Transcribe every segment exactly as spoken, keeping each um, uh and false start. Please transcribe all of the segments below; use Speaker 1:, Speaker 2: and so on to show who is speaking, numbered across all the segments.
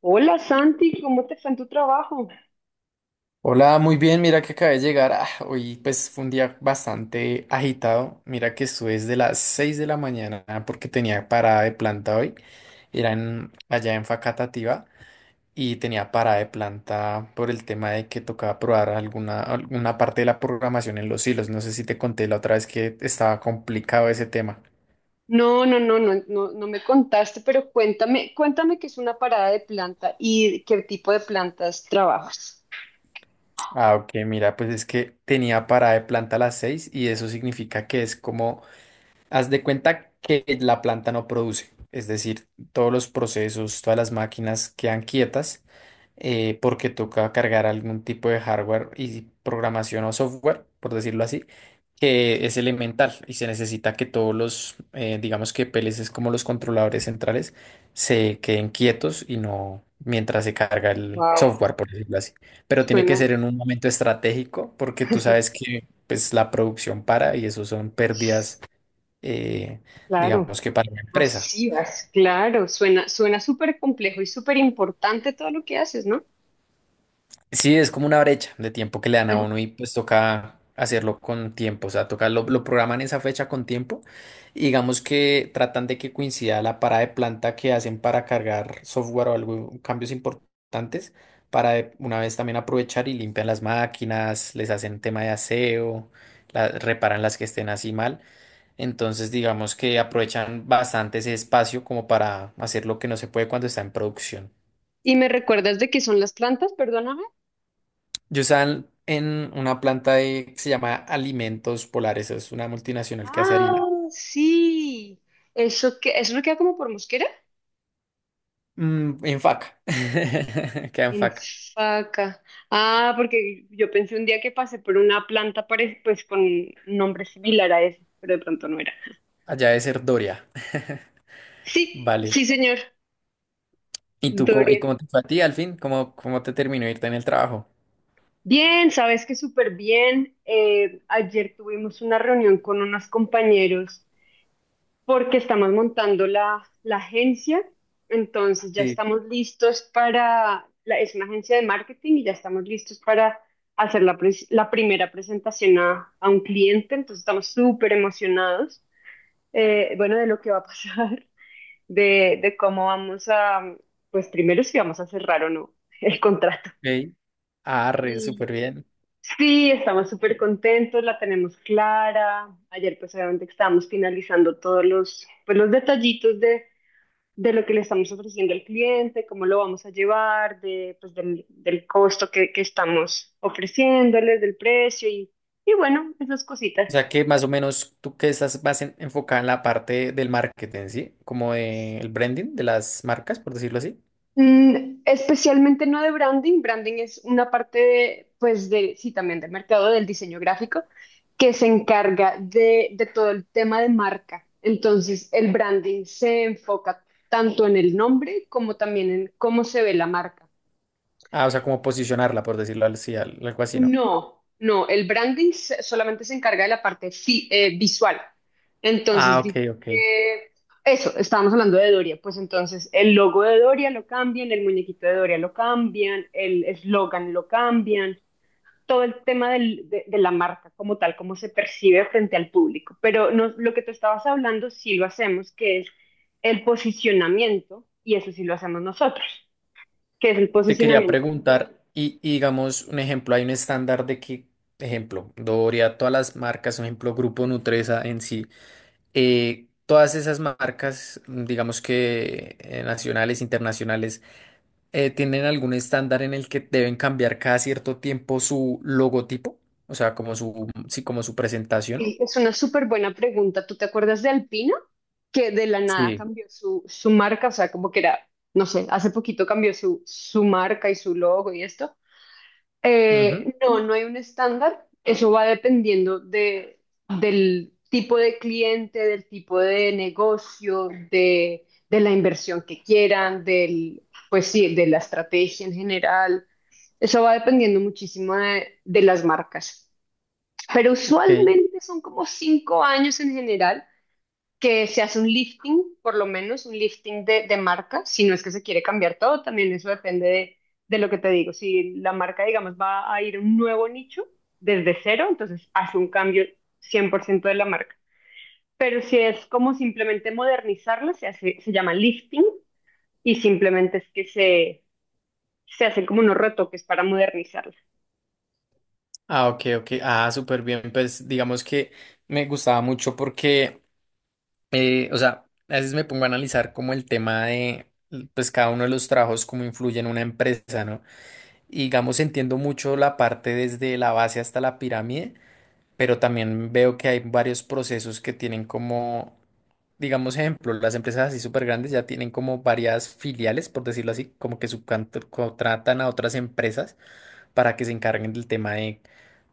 Speaker 1: Hola Santi, ¿cómo te fue en tu trabajo?
Speaker 2: Hola, muy bien, mira que acabé de llegar. Ah, hoy pues fue un día bastante agitado. Mira que estuve desde las seis de la mañana porque tenía parada de planta hoy. Era en- allá en Facatativá y tenía parada de planta por el tema de que tocaba probar alguna, alguna parte de la programación en los hilos. No sé si te conté la otra vez que estaba complicado ese tema.
Speaker 1: No, no, no, no, no, no me contaste, pero cuéntame, cuéntame qué es una parada de planta y qué tipo de plantas trabajas.
Speaker 2: Ah, ok, mira, pues es que tenía parada de planta a las seis, y eso significa que es como, haz de cuenta que la planta no produce, es decir, todos los procesos, todas las máquinas quedan quietas, eh, porque toca cargar algún tipo de hardware y programación o software, por decirlo así, que es elemental y se necesita que todos los, eh, digamos que P L Cs, como los controladores centrales, se queden quietos y no mientras se carga el
Speaker 1: Wow,
Speaker 2: software, por decirlo así. Pero tiene que
Speaker 1: suena,
Speaker 2: ser en un momento estratégico porque tú sabes que, pues, la producción para y eso son pérdidas, eh,
Speaker 1: claro,
Speaker 2: digamos que para la empresa.
Speaker 1: masivas, claro, suena, suena súper complejo y súper importante todo lo que haces, ¿no?
Speaker 2: Sí, es como una brecha de tiempo que le dan a
Speaker 1: Ajá.
Speaker 2: uno y pues toca hacerlo con tiempo, o sea, toca lo, lo programan esa fecha con tiempo y digamos que tratan de que coincida la parada de planta que hacen para cargar software o algo, cambios importantes, para de una vez también aprovechar y limpian las máquinas, les hacen tema de aseo, la- reparan las que estén así mal. Entonces, digamos que aprovechan bastante ese espacio como para hacer lo que no se puede cuando está en producción.
Speaker 1: ¿Y me recuerdas de qué son las plantas? Perdóname.
Speaker 2: Yo estaba en, en una planta de- que se llama Alimentos Polares, es una multinacional que hace harina.
Speaker 1: Ah, sí. ¿Eso que eso no queda como por Mosquera?
Speaker 2: Mm, en Faca, queda en
Speaker 1: En
Speaker 2: Faca,
Speaker 1: Faca. Ah, porque yo pensé un día que pasé por una planta pare- pues con un nombre similar a ese, pero de pronto no era.
Speaker 2: allá de Cerdoria.
Speaker 1: Sí,
Speaker 2: Vale.
Speaker 1: sí, señor.
Speaker 2: ¿Y tú cómo, y
Speaker 1: Dorian.
Speaker 2: cómo te fue a ti al fin? ¿Cómo, cómo te terminó de irte en el trabajo?
Speaker 1: Bien, sabes que súper bien. Eh, ayer tuvimos una reunión con unos compañeros porque estamos montando la, la agencia, entonces ya
Speaker 2: Sí.
Speaker 1: estamos listos para, la, es una agencia de marketing y ya estamos listos para hacer la, pres- la primera presentación a, a un cliente. Entonces, estamos súper emocionados, eh, bueno, de lo que va a pasar, de, de cómo vamos a, pues primero si vamos a cerrar o no el contrato.
Speaker 2: Ok. Arre,
Speaker 1: Y
Speaker 2: súper bien.
Speaker 1: sí, estamos súper contentos, la tenemos clara. Ayer pues obviamente estábamos finalizando todos los, pues, los detallitos de de lo que le estamos ofreciendo al cliente, cómo lo vamos a llevar, de, pues del, del costo que, que estamos ofreciéndoles, del precio y, y bueno, esas cositas.
Speaker 2: O sea que más o menos tú que estás más en- enfocada en la parte del marketing, ¿sí? Como del branding de las marcas, por decirlo así.
Speaker 1: Mm, especialmente no de branding, branding es una parte de, pues de, sí, también del mercado del diseño gráfico que se encarga de, de todo el tema de marca. Entonces, el branding se enfoca tanto en el nombre como también en cómo se ve la marca.
Speaker 2: Ah, o sea, como posicionarla, por decirlo así, al- algo así, ¿no?
Speaker 1: No, no, el branding se- solamente se encarga de la parte fi- eh, visual.
Speaker 2: Ah,
Speaker 1: Entonces,
Speaker 2: ok,
Speaker 1: di-
Speaker 2: ok.
Speaker 1: eh, eso, estábamos hablando de Doria, pues entonces el logo de Doria lo cambian, el muñequito de Doria lo cambian, el eslogan lo cambian, todo el tema del- de, de la marca como tal, cómo se percibe frente al público. Pero no, lo que tú estabas hablando sí lo hacemos, que es el posicionamiento, y eso sí lo hacemos nosotros, que es el
Speaker 2: Te quería
Speaker 1: posicionamiento.
Speaker 2: preguntar, y, y digamos, un ejemplo, hay un estándar de que, ejemplo, Doria, todas las marcas, un ejemplo, Grupo Nutresa en sí, eh, todas esas marcas, mm, digamos que, eh, nacionales, internacionales, eh, ¿tienen algún estándar en el que deben cambiar cada cierto tiempo su logotipo? O sea, como su, sí, como su presentación.
Speaker 1: Sí, es una súper buena pregunta. ¿Tú te acuerdas de Alpina? Que de la nada
Speaker 2: Sí.
Speaker 1: cambió su, su marca, o sea, como que era, no sé, hace poquito cambió su, su marca y su logo y esto.
Speaker 2: Ujú,
Speaker 1: Eh, no, no hay un estándar. Eso va dependiendo de, del tipo de cliente, del tipo de negocio, de, de la inversión que quieran, del, pues sí, de la estrategia en general. Eso va dependiendo muchísimo de de las marcas. Pero
Speaker 2: ok.
Speaker 1: usualmente son como cinco años en general que se hace un lifting, por lo menos un lifting de, de marca, si no es que se quiere cambiar todo, también eso depende de, de lo que te digo. Si la marca, digamos, va a ir a un nuevo nicho desde cero, entonces hace un cambio cien por ciento de la marca. Pero si es como simplemente modernizarla, se hace, se llama lifting y simplemente es que se, se hacen como unos retoques para modernizarla.
Speaker 2: Ah, ok, ok. Ah, súper bien. Pues digamos que me gustaba mucho porque, eh, o sea, a veces me pongo a analizar como el tema de, pues, cada uno de los trabajos, cómo influye en una empresa, ¿no? Y digamos, entiendo mucho la parte desde la base hasta la pirámide, pero también veo que hay varios procesos que tienen como, digamos, ejemplo, las empresas así súper grandes ya tienen como varias filiales, por decirlo así, como que subcontratan a otras empresas para que se encarguen del tema de,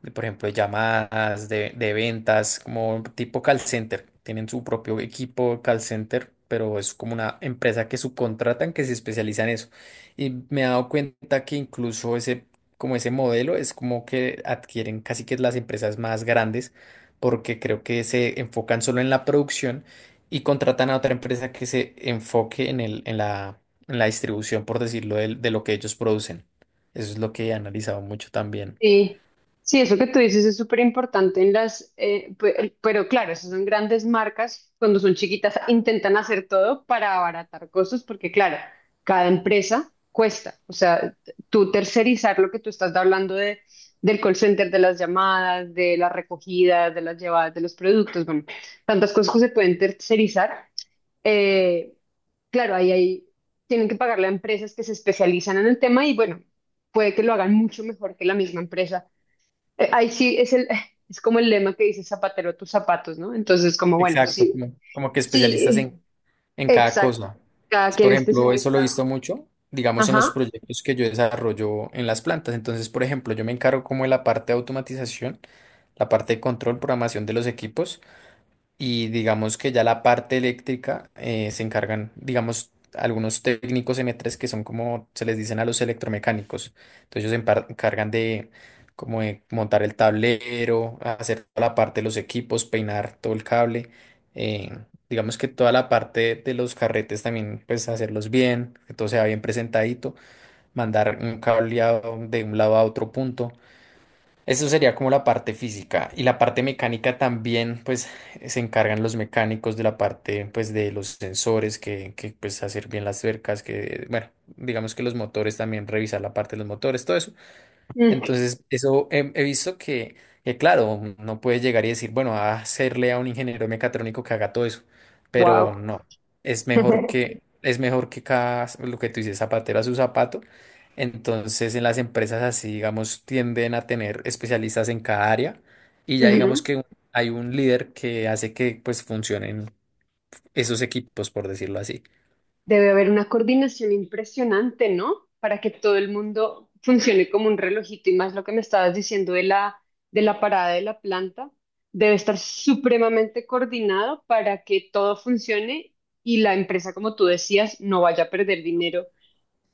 Speaker 2: de, por ejemplo, de llamadas, de, de ventas, como tipo call center. Tienen su propio equipo call center, pero es como una empresa que subcontratan que se especializa en eso. Y me he dado cuenta que incluso ese, como ese modelo es como que adquieren casi que las empresas más grandes, porque creo que se enfocan solo en la producción y contratan a otra empresa que se enfoque en el, en la, en la distribución, por decirlo, del- de lo que ellos producen. Eso es lo que he analizado mucho también.
Speaker 1: Sí, sí, eso que tú dices es súper importante en las, eh, pe- pero, claro, esas son grandes marcas. Cuando son chiquitas intentan hacer todo para abaratar costos, porque claro, cada empresa cuesta, o sea, t- tú tercerizar lo que tú estás hablando de, del call center, de las llamadas, de las recogidas, de las llevadas de los productos, bueno, tantas cosas que se pueden tercerizar, eh, claro, ahí hay, tienen que pagarle a empresas que se especializan en el tema y bueno, puede que lo hagan mucho mejor que la misma empresa. eh, Ahí sí es el, es como el lema que dice zapatero a tus zapatos, ¿no? Entonces, como bueno,
Speaker 2: Exacto.
Speaker 1: sí,
Speaker 2: Como, como que especialistas
Speaker 1: sí,
Speaker 2: en, en cada
Speaker 1: exacto.
Speaker 2: cosa.
Speaker 1: Cada
Speaker 2: Es,
Speaker 1: quien
Speaker 2: Por
Speaker 1: es
Speaker 2: ejemplo, eso lo
Speaker 1: especialista.
Speaker 2: he visto mucho, digamos, en los
Speaker 1: Ajá.
Speaker 2: proyectos que yo desarrollo en las plantas. Entonces, por ejemplo, yo me encargo como de la parte de automatización, la parte de control, programación de los equipos. Y digamos que ya la parte eléctrica, eh, se encargan, digamos, algunos técnicos eme tres, que son como se les dicen a los electromecánicos. Entonces ellos se empar- encargan de, como de montar el tablero, hacer toda la parte de los equipos, peinar todo el cable. eh, digamos que toda la parte de los carretes también, pues hacerlos bien, que todo sea bien presentadito, mandar un cableado de un lado a otro punto. Eso sería como la parte física, y la parte mecánica también, pues se encargan los mecánicos de la parte, pues, de los sensores, que, que pues hacer bien las cercas, que bueno, digamos que los motores, también revisar la parte de los motores, todo eso. Entonces, eso he, he visto que, que, claro, no puede llegar y decir, bueno, a hacerle a un ingeniero mecatrónico que haga todo eso, pero
Speaker 1: Wow.
Speaker 2: no, es mejor que, es mejor que cada, lo que tú dices, zapatero a su zapato. Entonces, en las empresas así, digamos, tienden a tener especialistas en cada área y ya digamos que un- hay un líder que hace que pues funcionen esos equipos, por decirlo así.
Speaker 1: Debe haber una coordinación impresionante, ¿no? Para que todo el mundo funcione como un relojito, y más lo que me estabas diciendo de la, de la, parada de la planta, debe estar supremamente coordinado para que todo funcione y la empresa, como tú decías, no vaya a perder dinero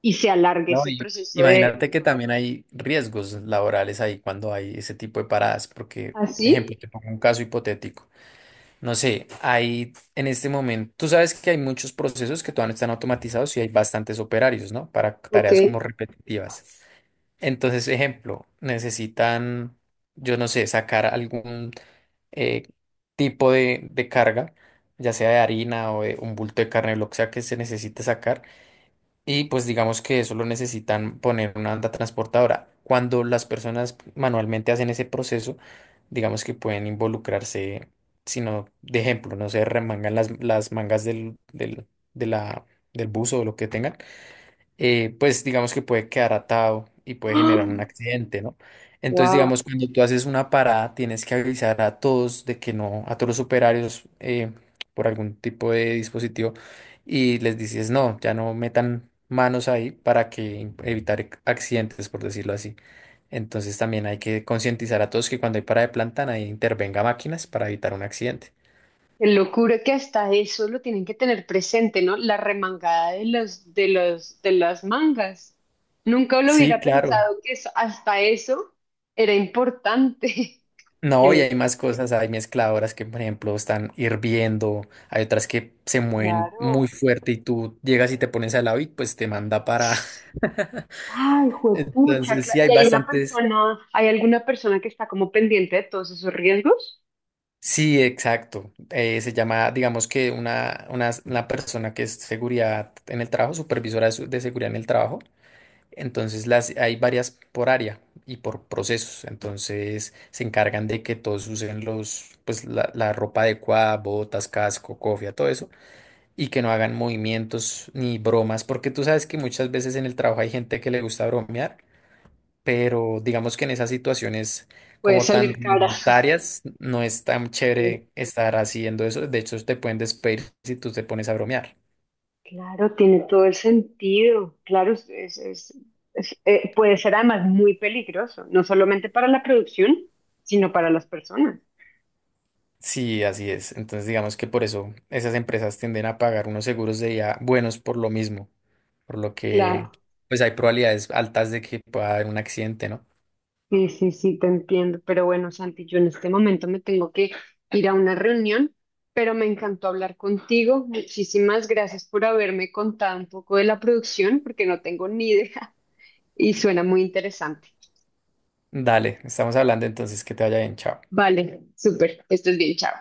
Speaker 1: y se alargue
Speaker 2: No,
Speaker 1: ese
Speaker 2: y
Speaker 1: proceso de,
Speaker 2: imagínate
Speaker 1: de-
Speaker 2: que también hay riesgos laborales ahí cuando hay ese tipo de paradas, porque, ejemplo,
Speaker 1: así,
Speaker 2: te pongo un caso hipotético. No sé, hay en este momento, tú sabes que hay muchos procesos que todavía no están automatizados y hay bastantes operarios, ¿no? Para
Speaker 1: ok.
Speaker 2: tareas como repetitivas. Entonces, ejemplo, necesitan, yo no sé, sacar algún, eh, tipo de, de carga, ya sea de harina o de un bulto de carne, lo que sea que se necesite sacar, y pues digamos que solo necesitan poner una anda transportadora. Cuando las personas manualmente hacen ese proceso, digamos que pueden involucrarse, sino, de ejemplo, no se remangan las, las mangas del, del, de la, del buzo o lo que tengan, eh, pues digamos que puede quedar atado y puede generar un accidente, ¿no? Entonces,
Speaker 1: Wow,
Speaker 2: digamos, cuando tú haces una parada, tienes que avisar a todos de que no, a todos los operarios, eh, por algún tipo de dispositivo, y les dices, no, ya no metan manos ahí para que evitar accidentes, por decirlo así. Entonces, también hay que concientizar a todos que cuando hay parada de planta, nadie intervenga máquinas para evitar un accidente.
Speaker 1: qué locura que hasta eso lo tienen que tener presente, ¿no? La remangada de los, de los, de las mangas. Nunca lo
Speaker 2: Sí,
Speaker 1: hubiera
Speaker 2: claro.
Speaker 1: pensado que eso- hasta eso era importante. Qué
Speaker 2: No, y hay
Speaker 1: locura.
Speaker 2: más cosas, hay mezcladoras que, por ejemplo, están hirviendo, hay otras que se mueven muy
Speaker 1: Claro.
Speaker 2: fuerte y tú llegas y te pones al lado y pues te manda para...
Speaker 1: Ay, juepucha,
Speaker 2: Entonces,
Speaker 1: claro.
Speaker 2: sí, hay
Speaker 1: ¿Y hay una
Speaker 2: bastantes...
Speaker 1: persona, hay alguna persona que está como pendiente de todos esos riesgos?
Speaker 2: Sí, exacto. Eh, se llama, digamos que, una, una, una persona que es seguridad en el trabajo, supervisora de, su- de seguridad en el trabajo. Entonces, las, hay varias por área y por procesos. Entonces, se encargan de que todos usen los, pues, la, la ropa adecuada, botas, casco, cofia, todo eso, y que no hagan movimientos ni bromas, porque tú sabes que muchas veces en el trabajo hay gente que le gusta bromear, pero digamos que en esas situaciones
Speaker 1: Puede
Speaker 2: como tan
Speaker 1: salir cara.
Speaker 2: rudimentarias no es tan chévere estar haciendo eso, de hecho te pueden despedir si tú te pones a bromear.
Speaker 1: Claro, tiene todo el sentido. Claro, es, es- es- es- eh, puede ser además muy peligroso, no solamente para la producción, sino para las personas.
Speaker 2: Sí, así es. Entonces digamos que por eso esas empresas tienden a pagar unos seguros de vida buenos por lo mismo, por lo que
Speaker 1: Claro.
Speaker 2: pues hay probabilidades altas de que pueda haber un accidente, ¿no?
Speaker 1: Sí, sí, sí, te entiendo. Pero bueno, Santi, yo en este momento me tengo que ir a una reunión, pero me encantó hablar contigo. Muchísimas gracias por haberme contado un poco de la producción, porque no tengo ni idea y suena muy interesante.
Speaker 2: Dale, estamos hablando entonces, que te vaya bien, chao.
Speaker 1: Vale, súper, esto es bien, chao.